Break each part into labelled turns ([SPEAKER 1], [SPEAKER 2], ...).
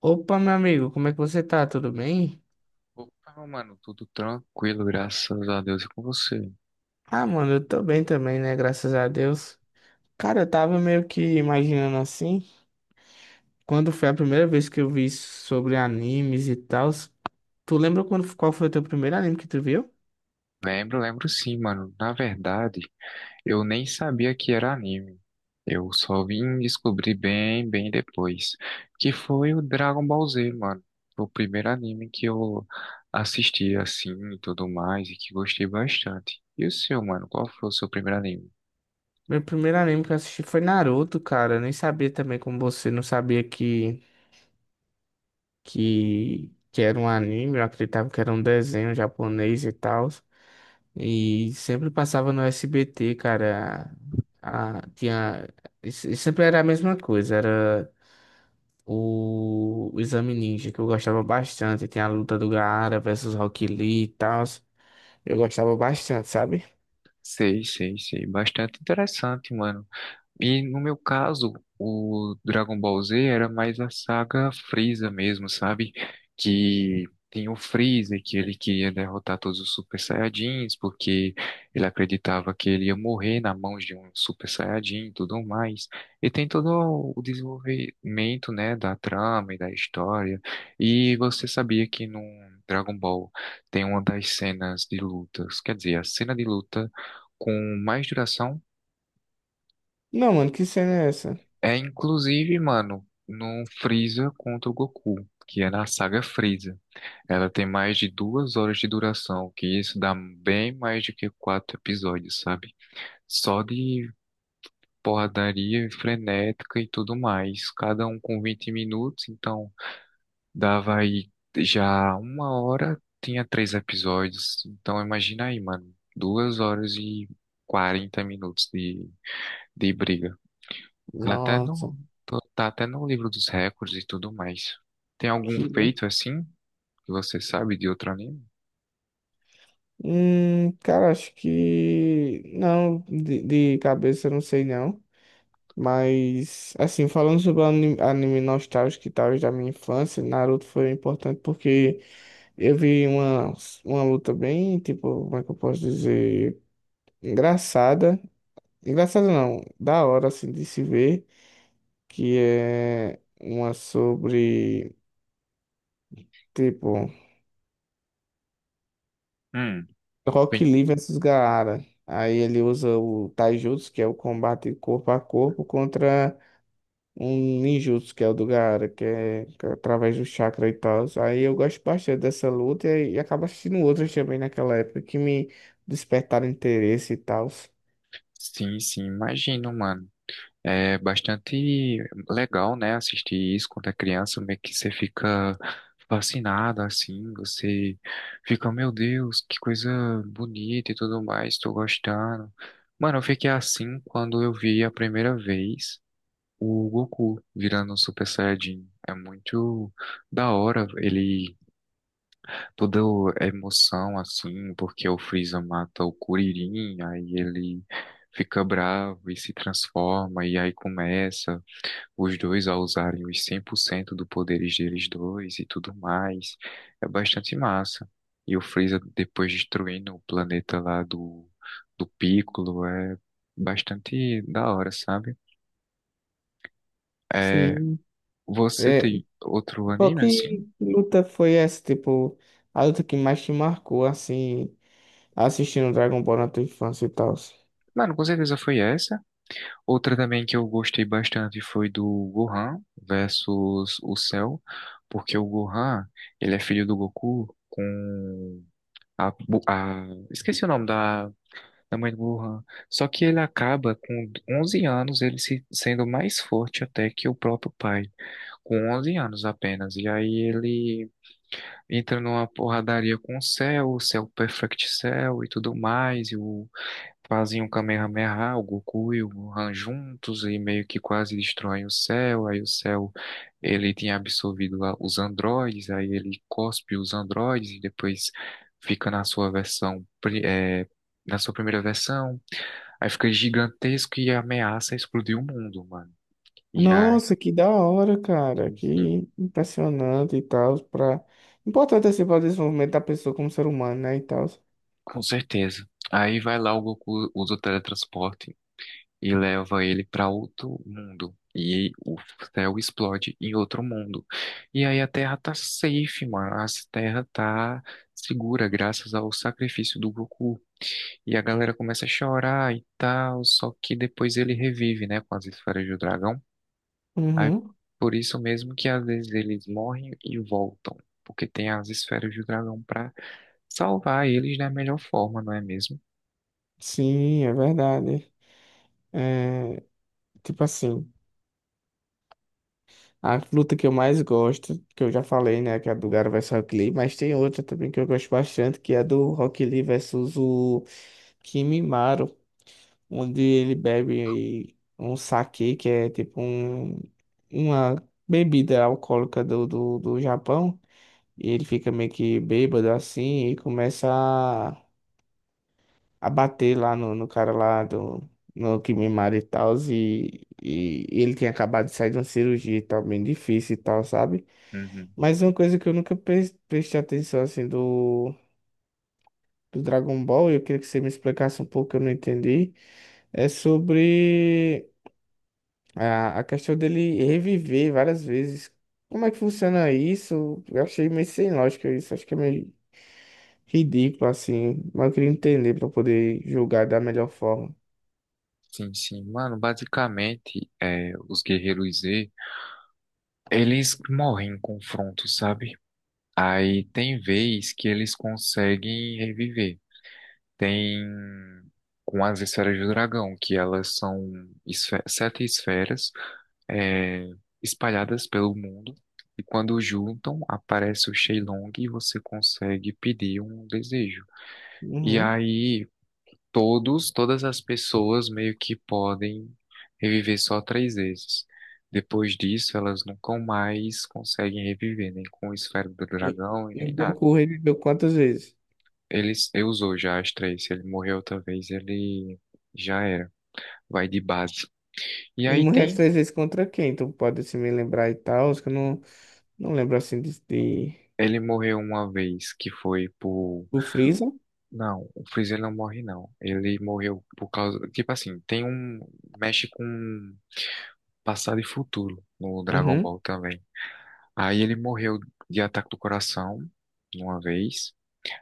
[SPEAKER 1] Opa, meu amigo, como é que você tá? Tudo bem?
[SPEAKER 2] Opa, mano, tudo tranquilo, graças a Deus e com você.
[SPEAKER 1] Ah, mano, eu tô bem também, né? Graças a Deus. Cara, eu tava meio que imaginando assim, quando foi a primeira vez que eu vi sobre animes e tal. Tu lembra quando, qual foi o teu primeiro anime que tu viu?
[SPEAKER 2] Lembro, lembro sim, mano. Na verdade, eu nem sabia que era anime. Eu só vim descobrir bem, bem depois, que foi o Dragon Ball Z, mano. Foi o primeiro anime que eu assisti assim e tudo mais e que gostei bastante. E o seu, mano? Qual foi o seu primeiro anime?
[SPEAKER 1] Meu primeiro anime que eu assisti foi Naruto, cara. Eu nem sabia também como você, não sabia que era um anime, eu acreditava que era um desenho japonês e tal. E sempre passava no SBT, cara. A, tinha, e se- e sempre era a mesma coisa, era o Exame Ninja, que eu gostava bastante. Tinha a luta do Gaara versus Rock Lee e tal. Eu gostava bastante, sabe?
[SPEAKER 2] Sei, sei, sei. Bastante interessante, mano. E no meu caso, o Dragon Ball Z era mais a saga Freeza mesmo, sabe? Que tem o Freeza, que ele queria derrotar todos os Super Saiyajins, porque ele acreditava que ele ia morrer na mão de um Super Saiyajin e tudo mais. E tem todo o desenvolvimento, né, da trama e da história. E você sabia que no Dragon Ball tem uma das cenas de lutas, quer dizer, a cena de luta com mais duração
[SPEAKER 1] Não, mano, que cena é essa?
[SPEAKER 2] é inclusive, mano, no Freeza contra o Goku, que é na saga Freeza. Ela tem mais de 2 horas de duração, que isso dá bem mais do que quatro episódios, sabe? Só de porradaria frenética e tudo mais. Cada um com 20 minutos, então dava aí já 1 hora, tinha três episódios. Então imagina aí, mano, 2 horas e 40 minutos de briga. Ela até
[SPEAKER 1] Nossa,
[SPEAKER 2] no, tô- tá até no livro dos recordes e tudo mais. Tem algum
[SPEAKER 1] que.
[SPEAKER 2] feito assim que você sabe de outro anime?
[SPEAKER 1] Cara, acho que. Não, de cabeça eu não sei não. Mas, assim, falando sobre o anime nostálgico e tal da minha infância, Naruto foi importante porque eu vi uma luta bem, tipo, como é que eu posso dizer? Engraçada. Engraçada não, da hora, assim, de se ver. Que é uma sobre, tipo,
[SPEAKER 2] Hum,
[SPEAKER 1] Rock
[SPEAKER 2] bem,
[SPEAKER 1] Lee versus Gaara. Aí ele usa o Taijutsu, que é o combate corpo a corpo, contra um ninjutsu, que é o do Gaara, que é através do chakra e tal. Aí eu gosto bastante dessa luta e acabo assistindo outras também naquela época que me despertaram interesse e tal.
[SPEAKER 2] sim, sim, imagino, mano. É bastante legal, né, assistir isso quando é criança, meio que você fica fascinado, assim, você fica, meu Deus, que coisa bonita e tudo mais, tô gostando. Mano, eu fiquei assim quando eu vi a primeira vez. O Goku virando um Super Saiyajin é muito da hora. Ele, toda a emoção, assim, porque o Freeza mata o Kuririn, aí ele fica bravo e se transforma, e aí começa os dois a usarem os 100% do poderes deles dois e tudo mais. É bastante massa. E o Freeza depois destruindo o planeta lá do Piccolo é bastante da hora, sabe? é
[SPEAKER 1] Sim.
[SPEAKER 2] Você
[SPEAKER 1] É,
[SPEAKER 2] tem outro
[SPEAKER 1] qual
[SPEAKER 2] anime assim?
[SPEAKER 1] que luta foi essa? Tipo, a luta que mais te marcou, assim, assistindo Dragon Ball na tua infância e tal?
[SPEAKER 2] Mano, com certeza foi essa. Outra também que eu gostei bastante foi do Gohan versus o Cell, porque o Gohan, ele é filho do Goku com esqueci o nome da mãe do Gohan. Só que ele acaba com 11 anos, ele se, sendo mais forte até que o próprio pai, com 11 anos apenas. E aí ele entra numa porradaria com o Cell Perfect Cell e tudo mais, e o fazem um Kamehameha, o Goku e o Gohan juntos e meio que quase destroem o céu. Aí o céu ele tinha absorvido lá os androides, aí ele cospe os androides e depois fica na sua versão, na sua primeira versão. Aí fica gigantesco e ameaça explodir o mundo, mano. E aí,
[SPEAKER 1] Nossa, que da hora, cara.
[SPEAKER 2] sim,
[SPEAKER 1] Que impressionante e tal. Pra... Importante, assim, para o desenvolvimento da pessoa como ser humano, né? E tal.
[SPEAKER 2] com certeza. Aí vai lá o Goku, usa o teletransporte e leva ele para outro mundo. E o céu explode em outro mundo. E aí a Terra tá safe, mano. A Terra tá segura graças ao sacrifício do Goku. E a galera começa a chorar e tal, só que depois ele revive, né, com as esferas do dragão. Aí
[SPEAKER 1] Uhum.
[SPEAKER 2] por isso mesmo que às vezes eles morrem e voltam, porque tem as esferas do dragão pra salvar eles da melhor forma, não é mesmo?
[SPEAKER 1] Sim, é verdade. É, tipo assim, a luta que eu mais gosto, que eu já falei, né, que é a do Gaara versus Rock Lee, mas tem outra também que eu gosto bastante, que é a do Rock Lee versus o Kimimaro, onde ele bebe um saquê, que é tipo um, uma bebida alcoólica do Japão, e ele fica meio que bêbado assim e começa a bater lá no cara lá do no Kimimaro e tal, e ele tinha acabado de sair de uma cirurgia e tal, bem difícil e tal, sabe? Mas uma coisa que eu nunca prestei atenção assim do, do Dragon Ball, e eu queria que você me explicasse um pouco, eu não entendi, é sobre. A questão dele reviver várias vezes. Como é que funciona isso? Eu achei meio sem lógica isso. Acho que é meio ridículo, assim. Mas eu queria entender pra poder julgar da melhor forma.
[SPEAKER 2] Sim, sim, mano, basicamente, os Guerreiros Z eles morrem em confronto, sabe? Aí tem vez que eles conseguem reviver. Tem com as esferas do dragão, que elas são sete esferas é, espalhadas pelo mundo. E quando juntam, aparece o Shenlong e você consegue pedir um desejo. E
[SPEAKER 1] Uhum.
[SPEAKER 2] aí todas as pessoas meio que podem reviver só três vezes. Depois disso, elas nunca mais conseguem reviver, nem com o esfera do
[SPEAKER 1] E,
[SPEAKER 2] dragão e
[SPEAKER 1] e o
[SPEAKER 2] nem nada.
[SPEAKER 1] Goku reviveu quantas vezes?
[SPEAKER 2] Ele usou já as três. Se ele morreu outra vez, ele já era. Vai de base. E
[SPEAKER 1] Ele
[SPEAKER 2] aí
[SPEAKER 1] morreu as
[SPEAKER 2] tem.
[SPEAKER 1] três vezes contra quem? Então pode se me lembrar e tal. Acho que eu não, não lembro assim de...
[SPEAKER 2] Ele morreu uma vez que foi por.
[SPEAKER 1] O Freeza.
[SPEAKER 2] Não, o Freezer não morre, não. Ele morreu por causa. Tipo assim, tem um. Mexe com passado e futuro no Dragon
[SPEAKER 1] Uhum.
[SPEAKER 2] Ball também. Aí ele morreu de ataque do coração uma vez.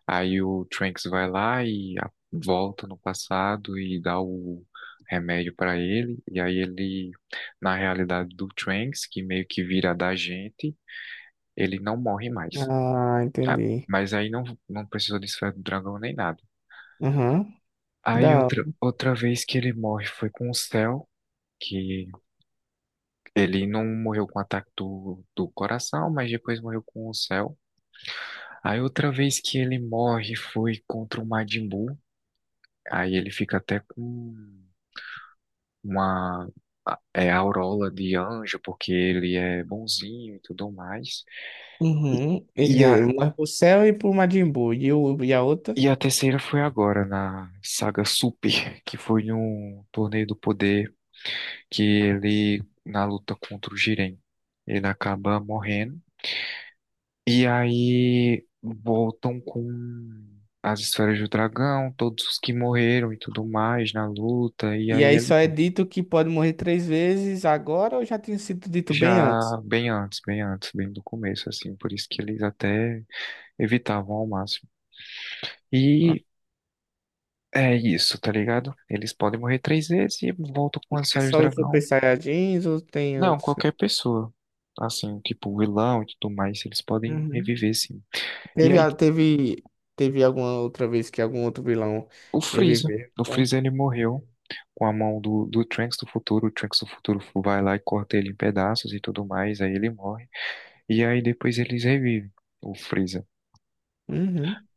[SPEAKER 2] Aí o Trunks vai lá e volta no passado e dá o remédio pra ele. E aí ele, na realidade do Trunks, que meio que vira da gente, ele não morre mais.
[SPEAKER 1] Ah,
[SPEAKER 2] Ah,
[SPEAKER 1] entendi.
[SPEAKER 2] mas aí não, não precisou de esfera do dragão nem nada.
[SPEAKER 1] Uhum.
[SPEAKER 2] Aí
[SPEAKER 1] Da... hora.
[SPEAKER 2] outra vez que ele morre foi com o Cell, que ele não morreu com ataque do coração, mas depois morreu com o Cell. Aí outra vez que ele morre foi contra o Majin Buu. Aí ele fica até com uma aureola de anjo, porque ele é bonzinho e tudo mais. E,
[SPEAKER 1] Uhum.
[SPEAKER 2] e
[SPEAKER 1] Ele
[SPEAKER 2] a,
[SPEAKER 1] morre pro céu e pro Majin Buu. E, o, e a outra?
[SPEAKER 2] e a terceira foi agora, na saga Super, que foi num torneio do poder que ele, na luta contra o Jiren, ele acaba morrendo. E aí voltam com as esferas do dragão, todos os que morreram e tudo mais na luta. E
[SPEAKER 1] E
[SPEAKER 2] aí
[SPEAKER 1] aí
[SPEAKER 2] ele
[SPEAKER 1] só é
[SPEAKER 2] volta.
[SPEAKER 1] dito que pode morrer três vezes agora ou já tinha sido dito bem
[SPEAKER 2] Já
[SPEAKER 1] antes?
[SPEAKER 2] bem antes, bem antes, bem do começo, assim. Por isso que eles até evitavam ao máximo.
[SPEAKER 1] Ah.
[SPEAKER 2] E é isso, tá ligado? Eles podem morrer três vezes e voltam com as
[SPEAKER 1] Mas é
[SPEAKER 2] esferas
[SPEAKER 1] só
[SPEAKER 2] do
[SPEAKER 1] os Super
[SPEAKER 2] dragão.
[SPEAKER 1] Saiyajins ou tem
[SPEAKER 2] Não,
[SPEAKER 1] outros?
[SPEAKER 2] qualquer pessoa. Assim, tipo vilão e tudo mais, eles podem
[SPEAKER 1] Uhum.
[SPEAKER 2] reviver, sim. E
[SPEAKER 1] Teve,
[SPEAKER 2] aí
[SPEAKER 1] a- teve, teve alguma outra vez que algum outro vilão
[SPEAKER 2] o Freeza.
[SPEAKER 1] reviveu,
[SPEAKER 2] O
[SPEAKER 1] tá?
[SPEAKER 2] Freeza ele morreu com a mão do Trunks do futuro. O Trunks do futuro vai lá e corta ele em pedaços e tudo mais. Aí ele morre. E aí depois eles revivem o Freeza.
[SPEAKER 1] Uhum.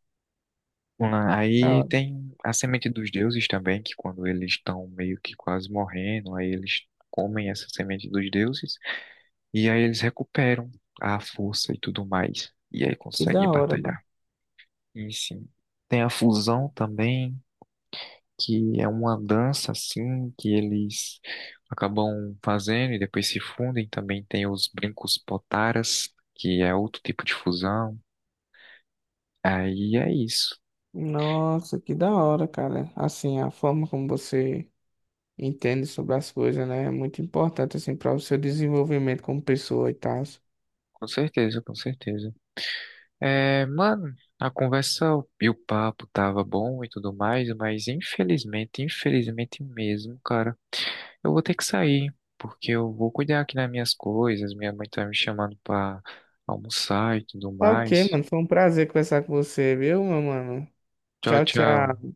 [SPEAKER 2] Ah,
[SPEAKER 1] Da
[SPEAKER 2] aí
[SPEAKER 1] hora.
[SPEAKER 2] tem a semente dos deuses também, que quando eles estão meio que quase morrendo, aí eles comem essa semente dos deuses. E aí eles recuperam a força e tudo mais. E aí
[SPEAKER 1] Que
[SPEAKER 2] conseguem
[SPEAKER 1] da hora, mano.
[SPEAKER 2] batalhar. E sim. Tem a fusão também, que é uma dança assim que eles acabam fazendo e depois se fundem. Também tem os brincos potaras, que é outro tipo de fusão. Aí é isso.
[SPEAKER 1] Nossa, que da hora, cara. Assim, a forma como você entende sobre as coisas, né? É muito importante, assim, para o seu desenvolvimento como pessoa e tal.
[SPEAKER 2] Com certeza, com certeza. É, mano, a conversa e o papo tava bom e tudo mais, mas infelizmente, infelizmente mesmo, cara, eu vou ter que sair, porque eu vou cuidar aqui das minhas coisas, minha mãe tá me chamando pra almoçar e tudo
[SPEAKER 1] Tá ok,
[SPEAKER 2] mais.
[SPEAKER 1] mano. Foi um prazer conversar com você, viu, meu mano?
[SPEAKER 2] Tchau,
[SPEAKER 1] Tchau,
[SPEAKER 2] tchau.
[SPEAKER 1] tchau.